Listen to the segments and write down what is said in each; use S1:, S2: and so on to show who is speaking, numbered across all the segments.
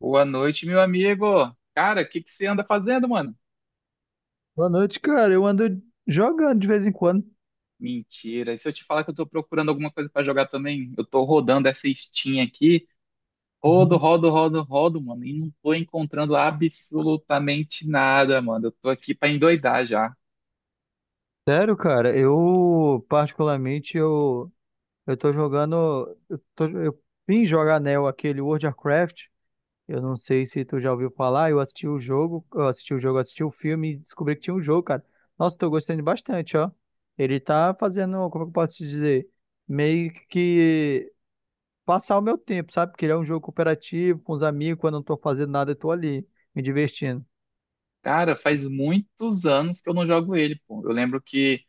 S1: Boa noite, meu amigo. Cara, o que que você anda fazendo, mano?
S2: Boa noite, cara. Eu ando jogando de vez em quando.
S1: Mentira. E se eu te falar que eu tô procurando alguma coisa pra jogar também? Eu tô rodando essa Steam aqui. Rodo,
S2: Uhum.
S1: rodo, rodo, rodo, mano. E não tô encontrando absolutamente nada, mano. Eu tô aqui pra endoidar já.
S2: Sério, cara, eu particularmente eu tô jogando, eu vim jogar, né, aquele World of Warcraft. Eu não sei se tu já ouviu falar, eu assisti o filme e descobri que tinha um jogo, cara. Nossa, tô gostando bastante, ó. Ele tá fazendo, como é que eu posso te dizer, meio que passar o meu tempo, sabe? Porque ele é um jogo cooperativo com os amigos, quando eu não tô fazendo nada, eu tô ali me divertindo.
S1: Cara, faz muitos anos que eu não jogo ele, pô. Eu lembro que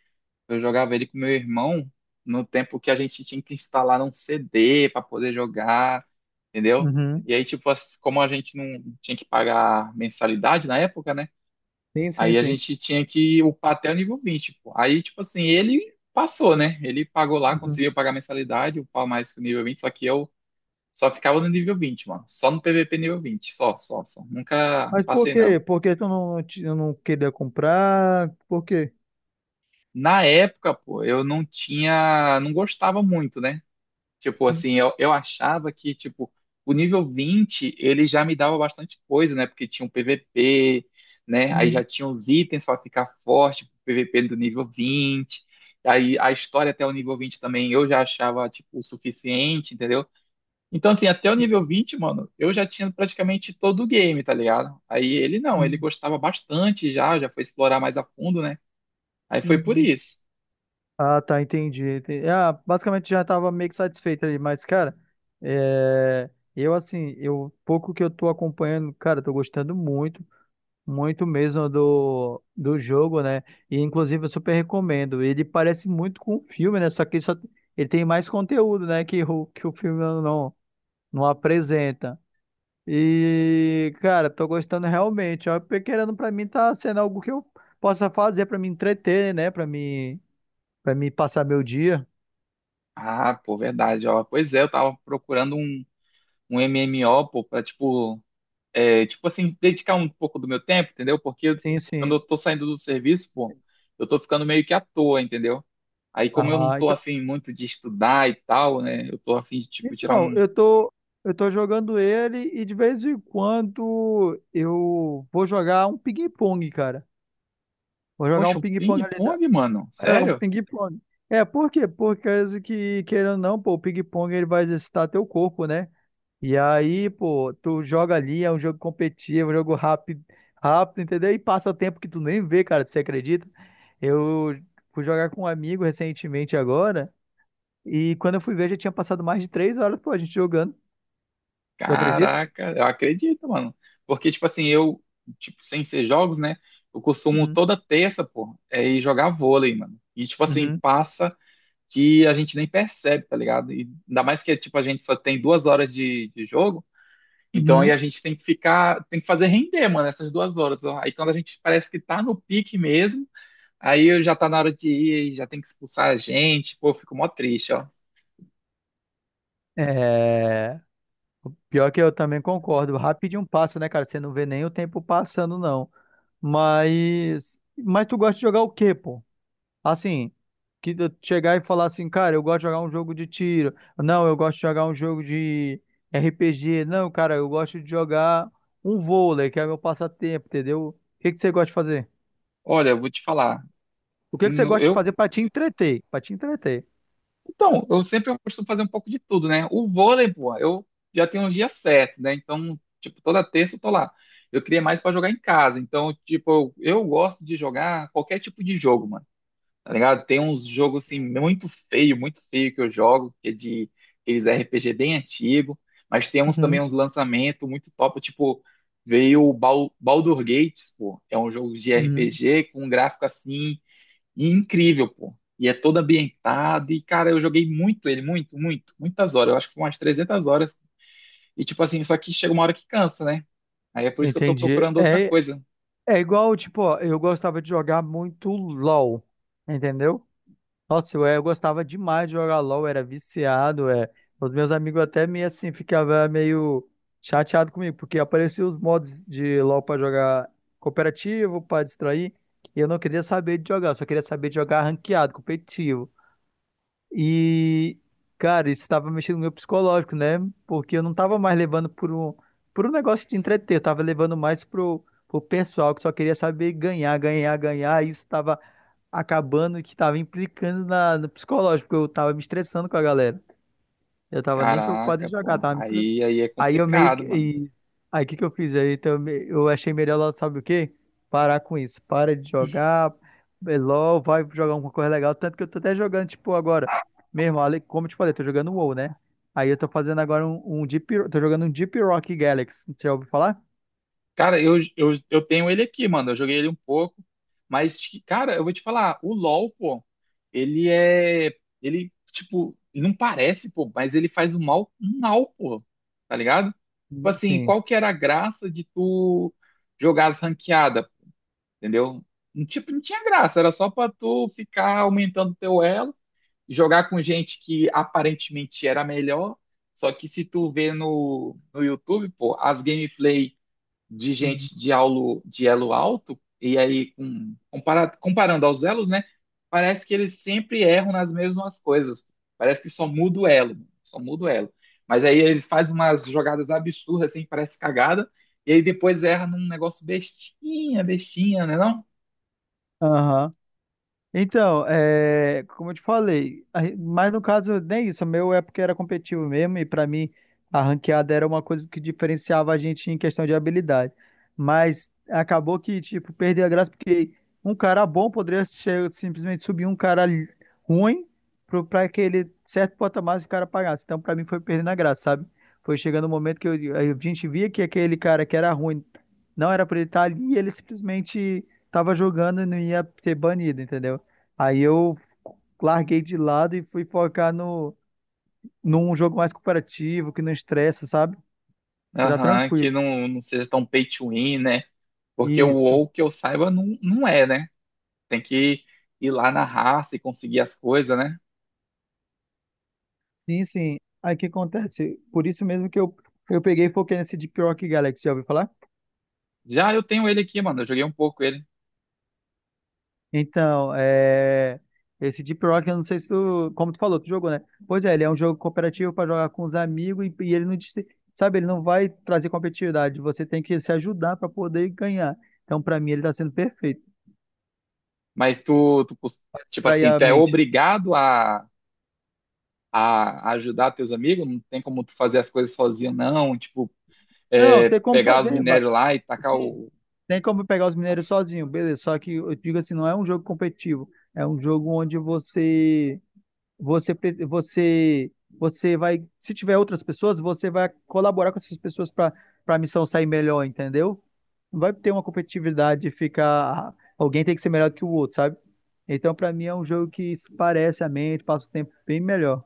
S1: eu jogava ele com meu irmão no tempo que a gente tinha que instalar um CD para poder jogar, entendeu?
S2: Uhum.
S1: E aí, tipo, como a gente não tinha que pagar mensalidade na época, né?
S2: Sim, sim,
S1: Aí a
S2: sim.
S1: gente tinha que upar até o nível 20 pô. Aí, tipo assim, ele passou, né? Ele pagou lá,
S2: Uhum.
S1: conseguiu pagar mensalidade, upar mais que o nível 20, só que eu só ficava no nível 20, mano. Só no PVP nível 20, só, só, só. Nunca
S2: Mas por
S1: passei, não.
S2: quê? Por que tu não queria comprar? Por quê?
S1: Na época, pô, eu não tinha, não gostava muito, né? Tipo assim, eu achava que, tipo, o nível 20 ele já me dava bastante coisa, né? Porque tinha um PVP, né? Aí
S2: Uhum.
S1: já tinha os itens para ficar forte, pro PVP do nível 20. Aí a história até o nível 20 também eu já achava, tipo, o suficiente, entendeu? Então, assim, até o nível
S2: Uhum.
S1: vinte, mano, eu já tinha praticamente todo o game, tá ligado? Aí ele não, ele
S2: Uhum.
S1: gostava bastante, já, já foi explorar mais a fundo, né? Aí foi por
S2: Uhum.
S1: isso.
S2: Ah, tá, entendi. Entendi. Ah, basicamente já tava meio que satisfeito ali, mas, cara, é, eu assim, eu pouco que eu tô acompanhando, cara, tô gostando muito, muito mesmo do jogo, né? E inclusive eu super recomendo. Ele parece muito com o filme, né? Só que ele só, ele tem mais conteúdo, né? Que o filme não apresenta. E, cara, tô gostando realmente. Ó, porque querendo pra mim tá sendo algo que eu possa fazer pra me entreter, né? Para me passar meu dia.
S1: Ah, pô, verdade, ó. Pois é, eu tava procurando um MMO, pô, pra, tipo, é, tipo assim, dedicar um pouco do meu tempo, entendeu? Porque
S2: Sim,
S1: quando
S2: sim.
S1: eu tô saindo do serviço, pô, eu tô ficando meio que à toa, entendeu? Aí, como eu não
S2: Ah,
S1: tô
S2: então,
S1: afim muito de estudar e tal, né? Eu tô afim de, tipo, tirar
S2: então,
S1: um.
S2: eu tô jogando ele e de vez em quando eu vou jogar um ping-pong, cara. Vou jogar
S1: Poxa,
S2: um
S1: um
S2: ping-pong ali.
S1: ping-pong, mano?
S2: É, um
S1: Sério?
S2: ping-pong. É, por quê? Porque querendo ou não, pô, o ping-pong ele vai exercitar teu corpo, né? E aí, pô, tu joga ali, é um jogo competitivo, um jogo rápido, rápido, entendeu? E passa tempo que tu nem vê, cara, você acredita? Eu fui jogar com um amigo recentemente agora, e quando eu fui ver, já tinha passado mais de três horas, pô, a gente jogando. Tu acredita?
S1: Caraca, eu acredito, mano. Porque, tipo assim, eu, tipo, sem ser jogos, né? Eu costumo
S2: Uhum,
S1: toda terça, pô, é ir jogar vôlei, mano. E, tipo assim,
S2: uhum,
S1: passa que a gente nem percebe, tá ligado? E ainda mais que tipo a gente só tem 2 horas de jogo, então aí a
S2: uhum.
S1: gente tem que ficar, tem que fazer render, mano, essas 2 horas, ó. Aí quando a gente parece que tá no pique mesmo, aí já tá na hora de ir, aí já tem que expulsar a gente, pô, eu fico mó triste, ó.
S2: É... Pior que eu também concordo. Rapidinho passa, né, cara? Você não vê nem o tempo passando, não. Mas... Mas tu gosta de jogar o quê, pô? Assim, que eu chegar e falar assim, cara, eu gosto de jogar um jogo de tiro. Não, eu gosto de jogar um jogo de RPG. Não, cara, eu gosto de jogar um vôlei, que é meu passatempo, entendeu? O que que você gosta de fazer?
S1: Olha, eu vou te falar,
S2: O que que você
S1: no-
S2: gosta de
S1: eu,
S2: fazer pra te entreter? Pra te entreter.
S1: então, eu sempre costumo fazer um pouco de tudo, né? O vôlei, pô, eu já tenho uns dias certos, né? Então, tipo, toda terça eu tô lá. Eu queria mais pra jogar em casa, então, tipo, eu gosto de jogar qualquer tipo de jogo, mano. Tá ligado? Tem uns jogos assim muito feio que eu jogo, que é de aqueles RPG bem antigo, mas tem uns também
S2: Uhum,
S1: uns lançamentos muito top, tipo, veio o Baldur Gates, pô, é um jogo de
S2: uhum.
S1: RPG com um gráfico assim incrível, pô. E é todo ambientado, e cara, eu joguei muito ele, muito, muito, muitas horas, eu acho que foi umas 300 horas. E tipo assim, só que chega uma hora que cansa, né? Aí é por isso que eu tô
S2: Entendi.
S1: procurando outra
S2: É,
S1: coisa.
S2: é igual, tipo, ó, eu gostava de jogar muito LOL, entendeu? Nossa, eu gostava demais de jogar LOL, era viciado, é. Os meus amigos até meio assim ficavam meio chateado comigo, porque apareciam os modos de LOL pra jogar cooperativo, pra distrair, e eu não queria saber de jogar, eu só queria saber de jogar ranqueado, competitivo. E, cara, isso estava mexendo no meu psicológico, né? Porque eu não tava mais levando por um negócio de entreter, eu tava levando pro pessoal que só queria saber ganhar, ganhar, ganhar, e isso estava acabando que tava implicando no psicológico, porque eu tava me estressando com a galera. Eu tava nem preocupado em
S1: Caraca,
S2: jogar,
S1: pô,
S2: tava me estressando.
S1: aí, aí é
S2: Aí eu meio que.
S1: complicado, mano.
S2: e- Aí o que que eu fiz? Aí então, eu achei melhor, lá, sabe o quê? Parar com isso. Para de jogar. É LOL, vai jogar alguma coisa legal. Tanto que eu tô até jogando, tipo, agora. Mesmo, como eu te falei, eu tô jogando WoW, né? Aí eu tô fazendo agora um Deep. Tô jogando um Deep Rock Galaxy. Você já ouviu falar?
S1: Cara, eu tenho ele aqui, mano. Eu joguei ele um pouco, mas, cara, eu vou te falar, o LoL, pô, ele é. Ele, tipo, não parece, pô, mas ele faz um mal, pô, tá ligado? Tipo assim,
S2: Sim.
S1: qual que era a graça de tu jogar as ranqueadas, entendeu? Não, tipo, não tinha graça, era só pra tu ficar aumentando teu elo, jogar com gente que aparentemente era melhor, só que se tu vê no, no YouTube, pô, as gameplays de
S2: Uhum.
S1: gente de, aulo, de elo alto, e aí com, comparado, comparando aos elos, né? Parece que eles sempre erram nas mesmas coisas. Parece que só muda o elo, só muda o elo. Mas aí eles fazem umas jogadas absurdas, assim, parece cagada, e aí depois erra num negócio bestinha, bestinha, né não?
S2: Aham. Então, é, como eu te falei, mas no caso nem isso, o meu é porque era competitivo mesmo e pra mim a ranqueada era uma coisa que diferenciava a gente em questão de habilidade. Mas acabou que, tipo, perdeu a graça porque um cara bom poderia simplesmente subir um cara ruim pra aquele certo patamar que o cara pagasse. Então, pra mim foi perdendo a graça, sabe? Foi chegando o momento que a gente via que aquele cara que era ruim não era pra ele estar ali e ele simplesmente tava jogando e não ia ser banido, entendeu? Aí eu larguei de lado e fui focar no, num jogo mais cooperativo, que não estressa, sabe? Que tá
S1: Aham, que
S2: tranquilo.
S1: não, não seja tão pay to win, né? Porque o
S2: Isso.
S1: WoW, que eu saiba, não, não é, né? Tem que ir lá na raça e conseguir as coisas, né?
S2: Sim, sim. Aí o que acontece? Por isso mesmo que eu peguei e foquei nesse Deep Rock Galaxy, já ouviu falar?
S1: Já eu tenho ele aqui, mano. Eu joguei um pouco ele.
S2: Então, é... esse Deep Rock, eu não sei se tu, como tu falou, tu jogou, né? Pois é, ele é um jogo cooperativo para jogar com os amigos e ele não, sabe, ele não vai trazer competitividade, você tem que se ajudar para poder ganhar. Então, para mim, ele tá sendo perfeito,
S1: Mas
S2: para
S1: tipo
S2: distrair
S1: assim,
S2: a
S1: tu é
S2: mente.
S1: obrigado a ajudar teus amigos? Não tem como tu fazer as coisas sozinho, não? Tipo,
S2: Não,
S1: é,
S2: tem como
S1: pegar os
S2: fazer.
S1: minérios lá e tacar
S2: Sim,
S1: o...
S2: tem como pegar os mineiros sozinho, beleza. Só que eu digo assim, não é um jogo competitivo, é um jogo onde você você vai, se tiver outras pessoas, você vai colaborar com essas pessoas para a missão sair melhor, entendeu? Não vai ter uma competitividade de ficar alguém tem que ser melhor do que o outro, sabe? Então, para mim é um jogo que parece a mente, passa o tempo bem melhor.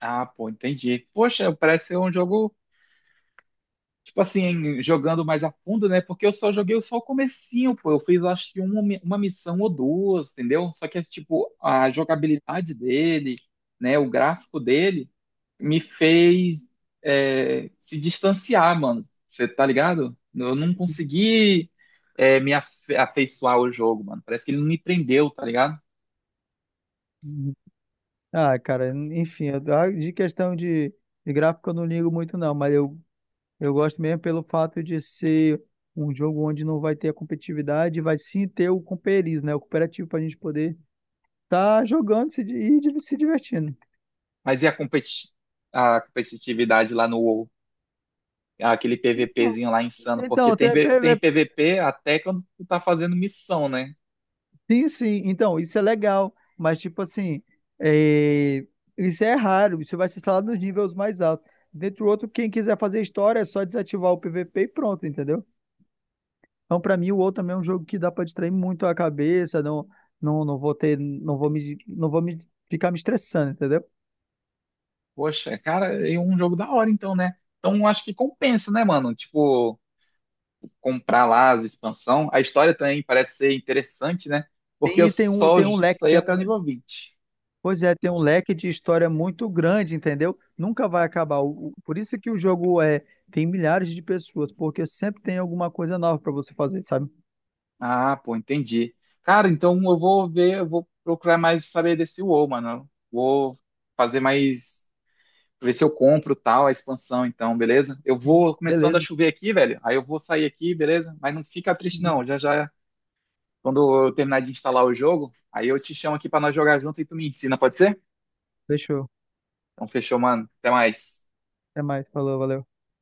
S1: Ah, pô, entendi. Poxa, parece ser um jogo, tipo assim, jogando mais a fundo, né? Porque eu só joguei só o comecinho, pô. Eu fiz, eu acho que uma, uma missão ou duas, entendeu? Só que, é, tipo, a jogabilidade dele, né? O gráfico dele me fez, é, se distanciar, mano. Você tá ligado? Eu não consegui, é, afeiçoar ao jogo, mano. Parece que ele não me prendeu, tá ligado?
S2: Uhum. Ah, cara, enfim, ah, de questão de gráfico eu não ligo muito não, mas eu gosto mesmo pelo fato de ser um jogo onde não vai ter a competitividade, vai sim ter o companheirismo, né? O cooperativo para a gente poder estar jogando se di- e di- se divertindo.
S1: Mas e a, a competitividade lá no WoW? Aquele PVPzinho lá insano, porque
S2: Então,
S1: tem, Tem PVP até quando tu tá fazendo missão, né?
S2: sim, sim. Então, isso é legal, mas tipo assim, é, isso é raro. Isso vai ser instalado nos níveis mais altos. Dentro do outro, quem quiser fazer história é só desativar o PVP e pronto, entendeu? Então, para mim, o outro também é um jogo que dá para distrair muito a cabeça. Não, não, não vou ter, não vou me ficar me estressando, entendeu?
S1: Poxa, cara, é um jogo da hora, então, né? Então acho que compensa, né, mano? Tipo, comprar lá as expansão. A história também parece ser interessante, né? Porque eu
S2: Tem,
S1: só
S2: tem um leque,
S1: saí
S2: tem
S1: até
S2: um,
S1: o
S2: le-
S1: nível 20.
S2: pois é, tem um leque de história muito grande, entendeu? Nunca vai acabar. Por isso que o jogo é, tem milhares de pessoas, porque sempre tem alguma coisa nova para você fazer, sabe?
S1: Ah, pô, entendi. Cara, então eu vou ver, eu vou procurar mais saber desse WoW, mano. Vou fazer mais, ver se eu compro tal a expansão, então, beleza? Eu vou começando a
S2: Beleza.
S1: chover aqui, velho. Aí eu vou sair aqui, beleza? Mas não fica triste
S2: Uhum.
S1: não. Já já quando eu terminar de instalar o jogo, aí eu te chamo aqui pra nós jogar junto e tu me ensina, pode ser?
S2: Fechou.
S1: Então fechou, mano. Até mais.
S2: Até mais. Falou, valeu.